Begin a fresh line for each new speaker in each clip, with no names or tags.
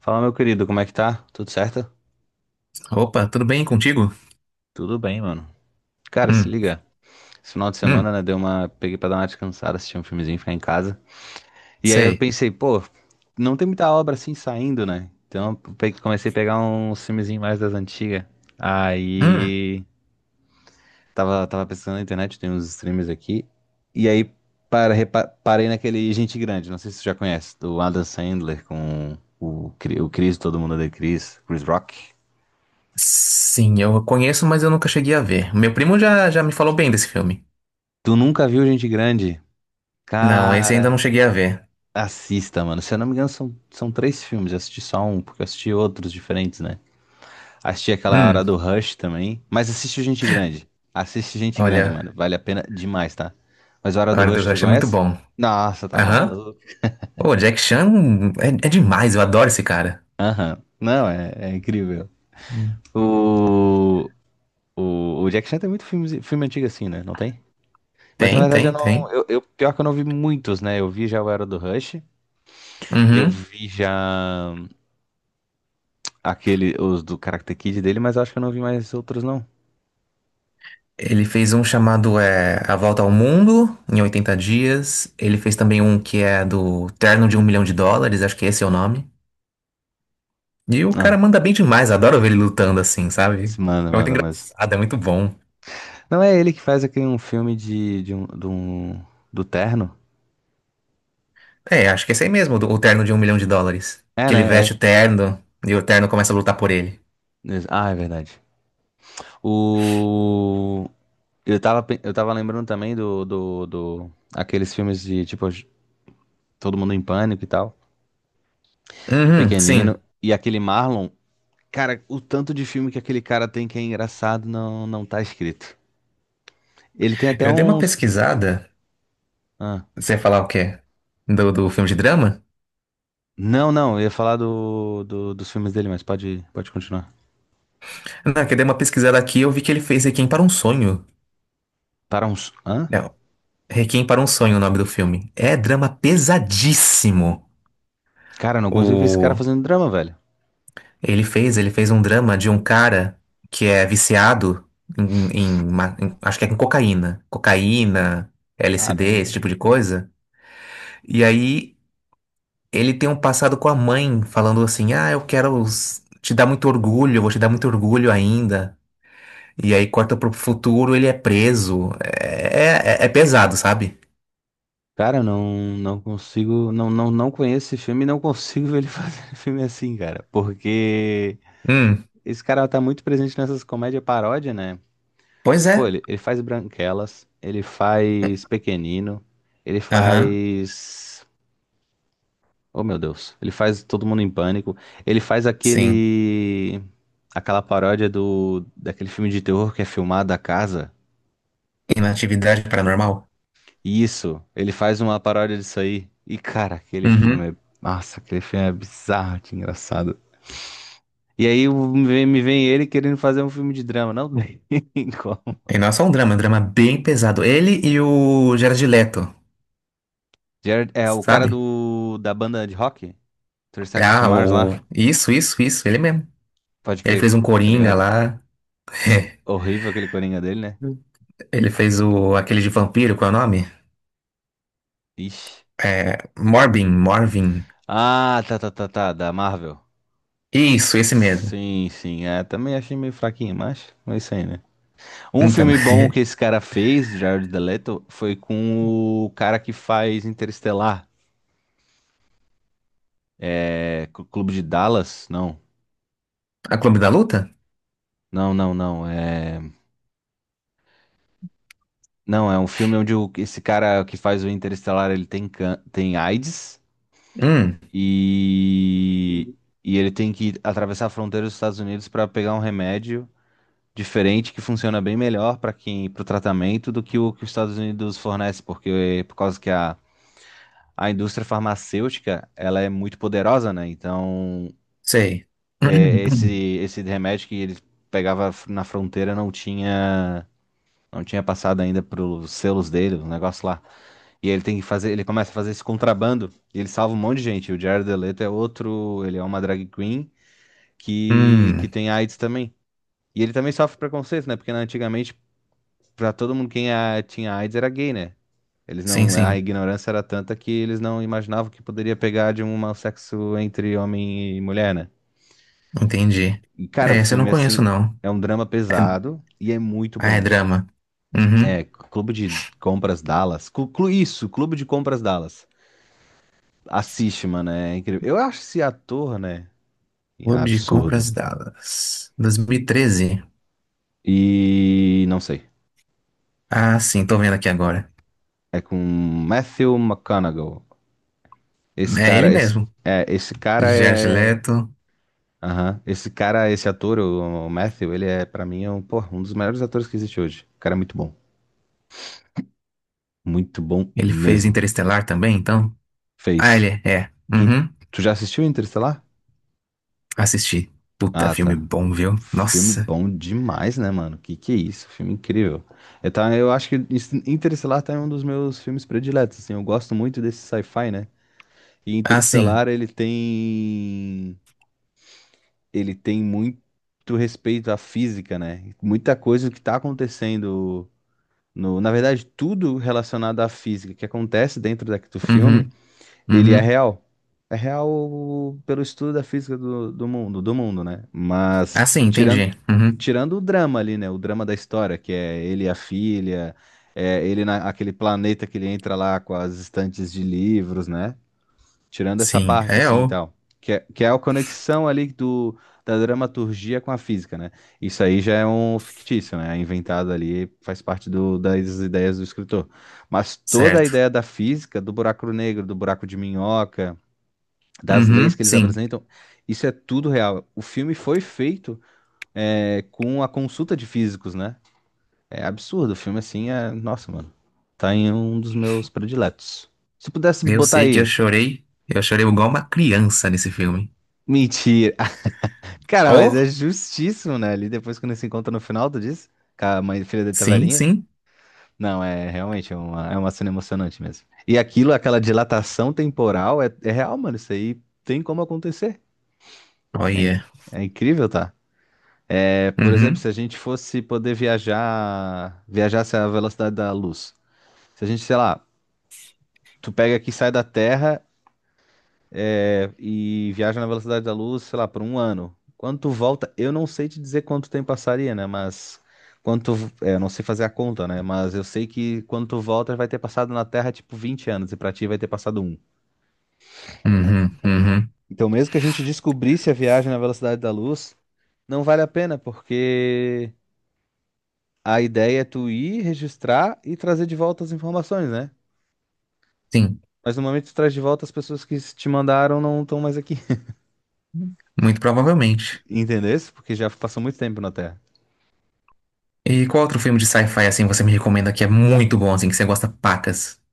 Fala, meu querido, como é que tá? Tudo certo?
Opa, tudo bem contigo?
Tudo bem, mano. Cara, se
Hum,
liga. Esse final de
hum,
semana, né, deu uma... Peguei pra dar uma descansada, assistir um filmezinho, ficar em casa. E aí eu
sei.
pensei, pô, não tem muita obra assim saindo, né? Então comecei a pegar uns filmezinhos mais das antigas.
Hum,
Aí... Tava pesquisando na internet, tem uns streams aqui. E aí parei naquele Gente Grande, não sei se você já conhece, do Adam Sandler com o Chris, todo mundo odeia Chris, Chris Rock.
sim, eu conheço, mas eu nunca cheguei a ver. Meu primo já me falou bem desse filme.
Tu nunca viu Gente Grande?
Não, esse ainda não
Cara,
cheguei a ver.
assista, mano. Se eu não me engano, são três filmes. Eu assisti só um, porque eu assisti outros diferentes, né? Assisti aquela hora
Hum,
do Rush também. Mas assiste o Gente Grande. Assiste Gente Grande,
Olha,
mano. Vale a pena demais, tá? Mas a hora
A
do
Hora do
Rush, tu
Rush é muito
conhece?
bom.
Nossa, tá
Aham.
maluco.
Pô, Jack Chan é demais, eu adoro esse cara.
Aham. Não, é incrível.
Hum.
O, o Jack Chan tem muito filme, filme antigo assim, né? Não tem? Mas na
Tem,
verdade eu
tem,
não.
tem.
Pior que eu não vi muitos, né? Eu vi já o Era do Rush. Eu
Uhum.
vi já. Aquele, os do Karate Kid dele, mas eu acho que eu não vi mais outros, não.
Ele fez um chamado A Volta ao Mundo em 80 dias. Ele fez também um que é do Terno de um Milhão de Dólares, acho que esse é o nome. E o cara
Ah,
manda bem demais, adoro ver ele lutando assim, sabe?
se manda,
É muito
manda, mas.
engraçado, é muito bom.
Não é ele que faz aquele um filme do Terno?
É, acho que é esse aí mesmo, o terno de um milhão de dólares.
É,
Que ele
né?
veste
É.
o terno e o terno começa a lutar por ele.
Ah, é verdade. O. Eu tava, eu tava lembrando também do, do, do. Aqueles filmes de, tipo, Todo Mundo em Pânico e tal.
Uhum, sim.
Pequenino. E aquele Marlon. Cara, o tanto de filme que aquele cara tem que é engraçado não tá escrito. Ele tem até
Eu dei uma
uns.
pesquisada.
Ah.
Você ia falar o quê? Do filme de drama?
Não, não, eu ia falar dos filmes dele, mas pode continuar.
Não, que eu dei uma pesquisada aqui e eu vi que ele fez Requiem para um Sonho.
Para uns. Hã?
Não, Requiem para um Sonho é o nome do filme. É drama pesadíssimo.
Cara, eu não consigo ver esse cara
O,
fazendo drama, velho.
ele fez, ele fez um drama de um cara que é viciado em acho que é com cocaína, cocaína, LSD, esse
Caramba.
tipo de coisa. E aí ele tem um passado com a mãe falando assim: "Ah, eu quero te dar muito orgulho, eu vou te dar muito orgulho ainda". E aí corta pro futuro, ele é preso. É pesado, sabe?
Cara, eu não consigo. Não conheço esse filme e não consigo ver ele fazendo filme assim, cara. Porque
Hum,
esse cara tá muito presente nessas comédias paródia, né?
Pois
Pô,
é.
ele faz Branquelas, ele faz Pequenino, ele
Aham,
faz. Oh, meu Deus. Ele faz todo mundo em pânico. Ele faz
sim.
aquele. Aquela paródia do. Daquele filme de terror que é filmado a casa.
Inatividade paranormal.
Isso. Ele faz uma paródia disso aí. E, cara, aquele filme é. Nossa, aquele filme é bizarro de engraçado. E aí me vem ele querendo fazer um filme de drama. Não tem como.
E não é só um drama, é um drama bem pesado. Ele e o Jared Leto,
Jared, é o cara
sabe?
do. Da banda de rock? 30 Seconds to
Ah,
Mars
o...
lá.
Isso, ele mesmo.
Pode
Ele
crer,
fez um
tá
Coringa
ligado?
lá.
S- Horrível aquele coringa dele, né?
Ele fez o... aquele de vampiro, qual é o nome?
Ixi.
É... Morbin, Morvin.
Ah, tá. Da Marvel.
Isso, esse mesmo.
Sim, sim. É, também achei meio fraquinho, mas é isso aí, né? Um
Então,
filme bom que esse cara fez, Jared Leto, foi com o cara que faz Interestelar. É. Cl- Clube de Dallas? Não.
a Clube da Luta?
Não. É. Não, é um filme onde o- esse cara que faz o Interestelar, ele tem, can... tem AIDS
Hum,
e. E ele tem que atravessar a fronteira dos Estados Unidos pra pegar um remédio diferente que funciona bem melhor para quem para o tratamento do que o que os Estados Unidos fornece, porque por causa que a indústria farmacêutica ela é muito poderosa, né? Então
Sei.
é, esse esse remédio que eles pegava f- na fronteira não tinha não tinha passado ainda para os selos dele, o negócio lá. E ele tem que fazer, ele começa a fazer esse contrabando e ele salva um monte de gente. O Jared Leto é outro, ele é uma drag queen que
Hum,
tem AIDS também. E ele também sofre preconceito, né? Porque né, antigamente pra todo mundo quem a- tinha AIDS era gay, né? Eles
sim,
não, a
sim,
ignorância era tanta que eles não imaginavam que poderia pegar de um mau sexo entre homem e mulher, né?
entendi.
E, cara, o
É, esse eu não
filme,
conheço,
assim,
não.
é um drama
É...
pesado e é muito
Ah, é
bom.
drama.
É,
Uhum.
Clube de Compras Dallas. Isso, Clube de Compras Dallas. Assiste, mano, é incrível. Eu acho esse ator, né?
Clube de
Absurdo.
Compras Dallas, 2013.
E não sei.
Ah, sim, tô vendo aqui agora.
É com Matthew McConaughey. Esse
É ele
cara, esse,
mesmo.
esse cara
Jared
é.
Leto.
Aham. Esse cara, esse ator, o Matthew, ele é, pra mim, é um, pô, um dos melhores atores que existe hoje. O cara é muito bom. Muito bom
Ele fez
mesmo.
Interestelar também, então? Ah, ele
Fez.
é. É.
Tu,
Uhum.
tu já assistiu Interestelar?
Assisti. Puta,
Ah,
filme
tá.
bom, viu?
Filme
Nossa.
bom demais, né, mano? Que é isso? Filme incrível. Eu, tá, eu acho que Interestelar tá em um dos meus filmes prediletos, assim. Eu gosto muito desse sci-fi, né? E
Ah, sim.
Interestelar, ele tem... Ele tem muito respeito à física, né? Muita coisa que tá acontecendo no, na verdade, tudo relacionado à física que acontece dentro daqui do filme,
Uhum.
ele é
Uhum.
real. É real pelo estudo da física do mundo, né? Mas
Ah, sim,
tirando,
entendi. Uhum.
tirando o drama ali, né? O drama da história, que é ele e a filha, é ele naquele planeta que ele entra lá com as estantes de livros, né? Tirando essa
Sim,
parte,
é
assim, e
o.
tal. Que é a conexão ali do, da dramaturgia com a física, né? Isso aí já é um fictício, né? É inventado ali, faz parte do, das ideias do escritor. Mas toda a
Certo.
ideia da física, do buraco negro, do buraco de minhoca, das leis
Uhum,
que eles
sim.
apresentam, isso é tudo real. O filme foi feito é, com a consulta de físicos, né? É absurdo. O filme, assim, é... Nossa, mano. Tá em um dos meus prediletos. Se pudesse
Eu
botar
sei que eu
aí...
chorei. Eu chorei igual uma criança nesse filme.
Mentira. Cara, mas
Oh?
é justíssimo, né? Ali depois quando se encontra no final, tu diz? Que a mãe e filha dele tá
Sim,
velhinha?
sim.
Não, é realmente é uma cena emocionante mesmo. E aquilo, aquela dilatação temporal, é real, mano. Isso aí tem como acontecer. É, inc-
Olha.
é incrível, tá? É, por exemplo, se
Uhum.
a gente fosse poder viajar, viajasse à velocidade da luz. Se a gente, sei lá, tu pega aqui, sai da Terra e viaja na velocidade da luz, sei lá, por um ano. Quando tu volta, eu não sei te dizer quanto tempo passaria, né? Mas quando tu, eu não sei fazer a conta, né? Mas eu sei que quando tu volta, vai ter passado na Terra tipo 20 anos e pra ti vai ter passado um.
Uhum. Uhum.
Então, mesmo que a gente descobrisse a viagem na velocidade da luz, não vale a pena, porque a ideia é tu ir, registrar e trazer de volta as informações, né?
Sim.
Mas no momento que tu traz de volta, as pessoas que te mandaram não estão mais aqui.
Muito provavelmente.
Entendesse? Porque já passou muito tempo na Terra.
E qual outro filme de sci-fi assim você me recomenda que é muito bom, assim, que você gosta pacas?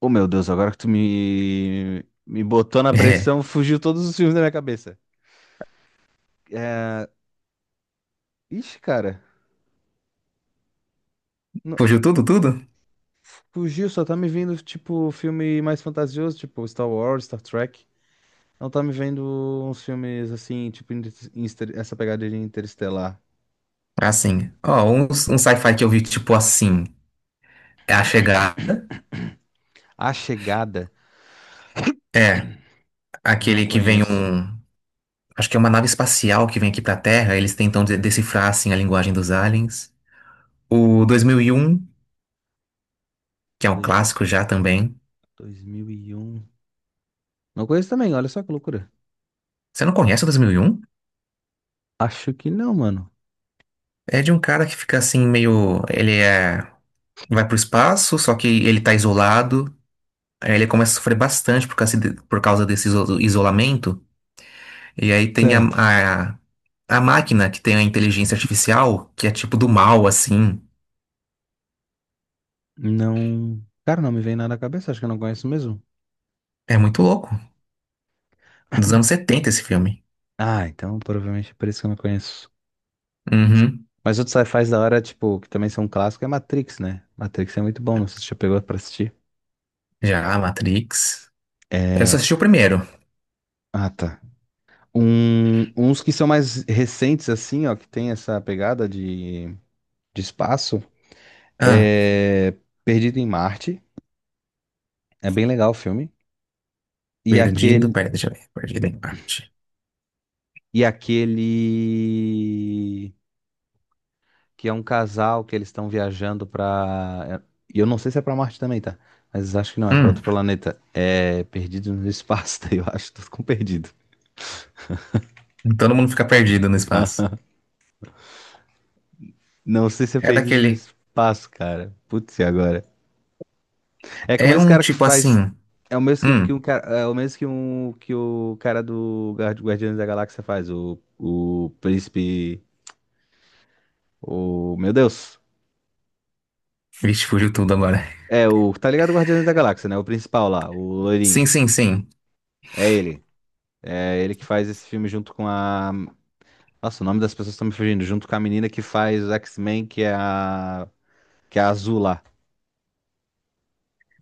Oh, meu Deus, agora que tu me botou na
É.
pressão, fugiu todos os filmes da minha cabeça. É... Ixi, cara, não-
Fugiu tudo, tudo?
fugiu, só tá me vindo, tipo, filme mais fantasioso, tipo Star Wars, Star Trek. Não tá me vendo uns filmes assim, tipo, essa pegada de Interestelar.
Assim. Ó, um sci-fi que eu vi, tipo assim, é A Chegada.
A Chegada,
É,
não
aquele que vem
conheço.
um. Acho que é uma nave espacial que vem aqui pra Terra. Eles tentam decifrar, assim, a linguagem dos aliens. O dois mil e um, que é um
Dois...
clássico já também.
dois mil e um. Não conheço também, olha só que loucura.
Você não conhece o 2001?
Acho que não, mano.
É de um cara que fica assim, meio. Ele é. Vai pro espaço, só que ele tá isolado. Aí ele começa a sofrer bastante por causa, por causa desse isolamento. E aí tem
Certo.
a, a máquina que tem a inteligência artificial, que é tipo do mal, assim.
Não. Cara, não me vem nada na cabeça, acho que eu não conheço mesmo.
É muito louco. Dos anos 70 esse filme.
Ah, então provavelmente é por isso que eu não conheço.
Uhum.
Mas outros sci-fis da hora, tipo, que também são um clássico, é Matrix, né? Matrix é muito bom, não sei se você já pegou pra assistir.
Já, Matrix. Eu só
É...
assisti o primeiro.
Ah, tá. Um... Uns que são mais recentes, assim, ó, que tem essa pegada de espaço,
Ah,
é Perdido em Marte. É bem legal o filme. E
perdido.
aquele...
Pera, deixa eu ver. Perdido em parte.
E aquele... que é um casal que eles estão viajando pra. E eu não sei se é pra Marte também, tá? Mas acho que não, é pra outro
Hum,
planeta. É Perdidos no Espaço, tá? Eu acho, tô com perdido.
Todo mundo fica perdido no espaço.
Ah, não sei se é
É
Perdidos no
daquele.
Espaço, cara. Putz, e agora? É com o
É
mesmo
um
cara que
tipo
faz.
assim.
É o mesmo que
Hum,
um cara, é o mesmo que um que o cara do Guardiões da Galáxia faz, o príncipe, o meu Deus.
Vixe, fugiu tudo agora.
É o, tá ligado Guardiões da Galáxia, né? O principal lá, o loirinho.
Sim, sim, sim.
É ele. É ele que faz esse filme junto com a. Nossa, o nome das pessoas estão me fugindo, junto com a menina que faz X-Men, que é a. Que é a azul lá.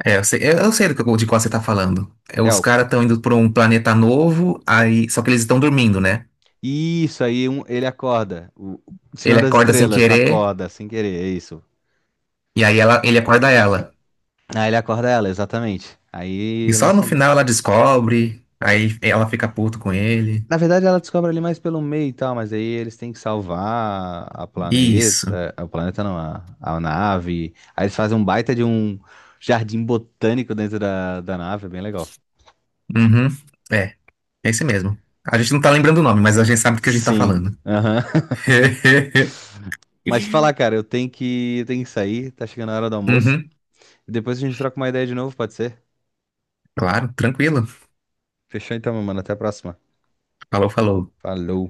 É, eu sei, eu sei de qual você tá falando. É, os
Elka.
caras estão indo pra um planeta novo, aí só que eles estão dormindo, né?
Isso aí, um- ele acorda. O
Ele
Senhor das
acorda sem
Estrelas
querer,
acorda, sem querer, é isso.
e aí ela, ele acorda ela.
Aí ele acorda ela, exatamente.
E
Aí
só no
lançam.
final ela descobre, aí ela fica puto com ele.
Na verdade, ela descobre ali mais pelo meio e tal, mas aí eles têm que salvar a
Isso.
planeta. O planeta não, a nave. Aí eles fazem um baita de um jardim botânico dentro da nave, é bem legal.
Uhum. É, é esse mesmo. A gente não tá lembrando o nome, mas a gente sabe do que a gente tá
Sim.
falando.
Aham. Mas te falar, cara, eu tenho que sair, tá chegando a hora do almoço.
Uhum.
Depois a gente troca uma ideia de novo, pode ser?
Claro, tranquilo.
Fechou então, meu mano. Até a próxima.
Falou, falou.
Falou.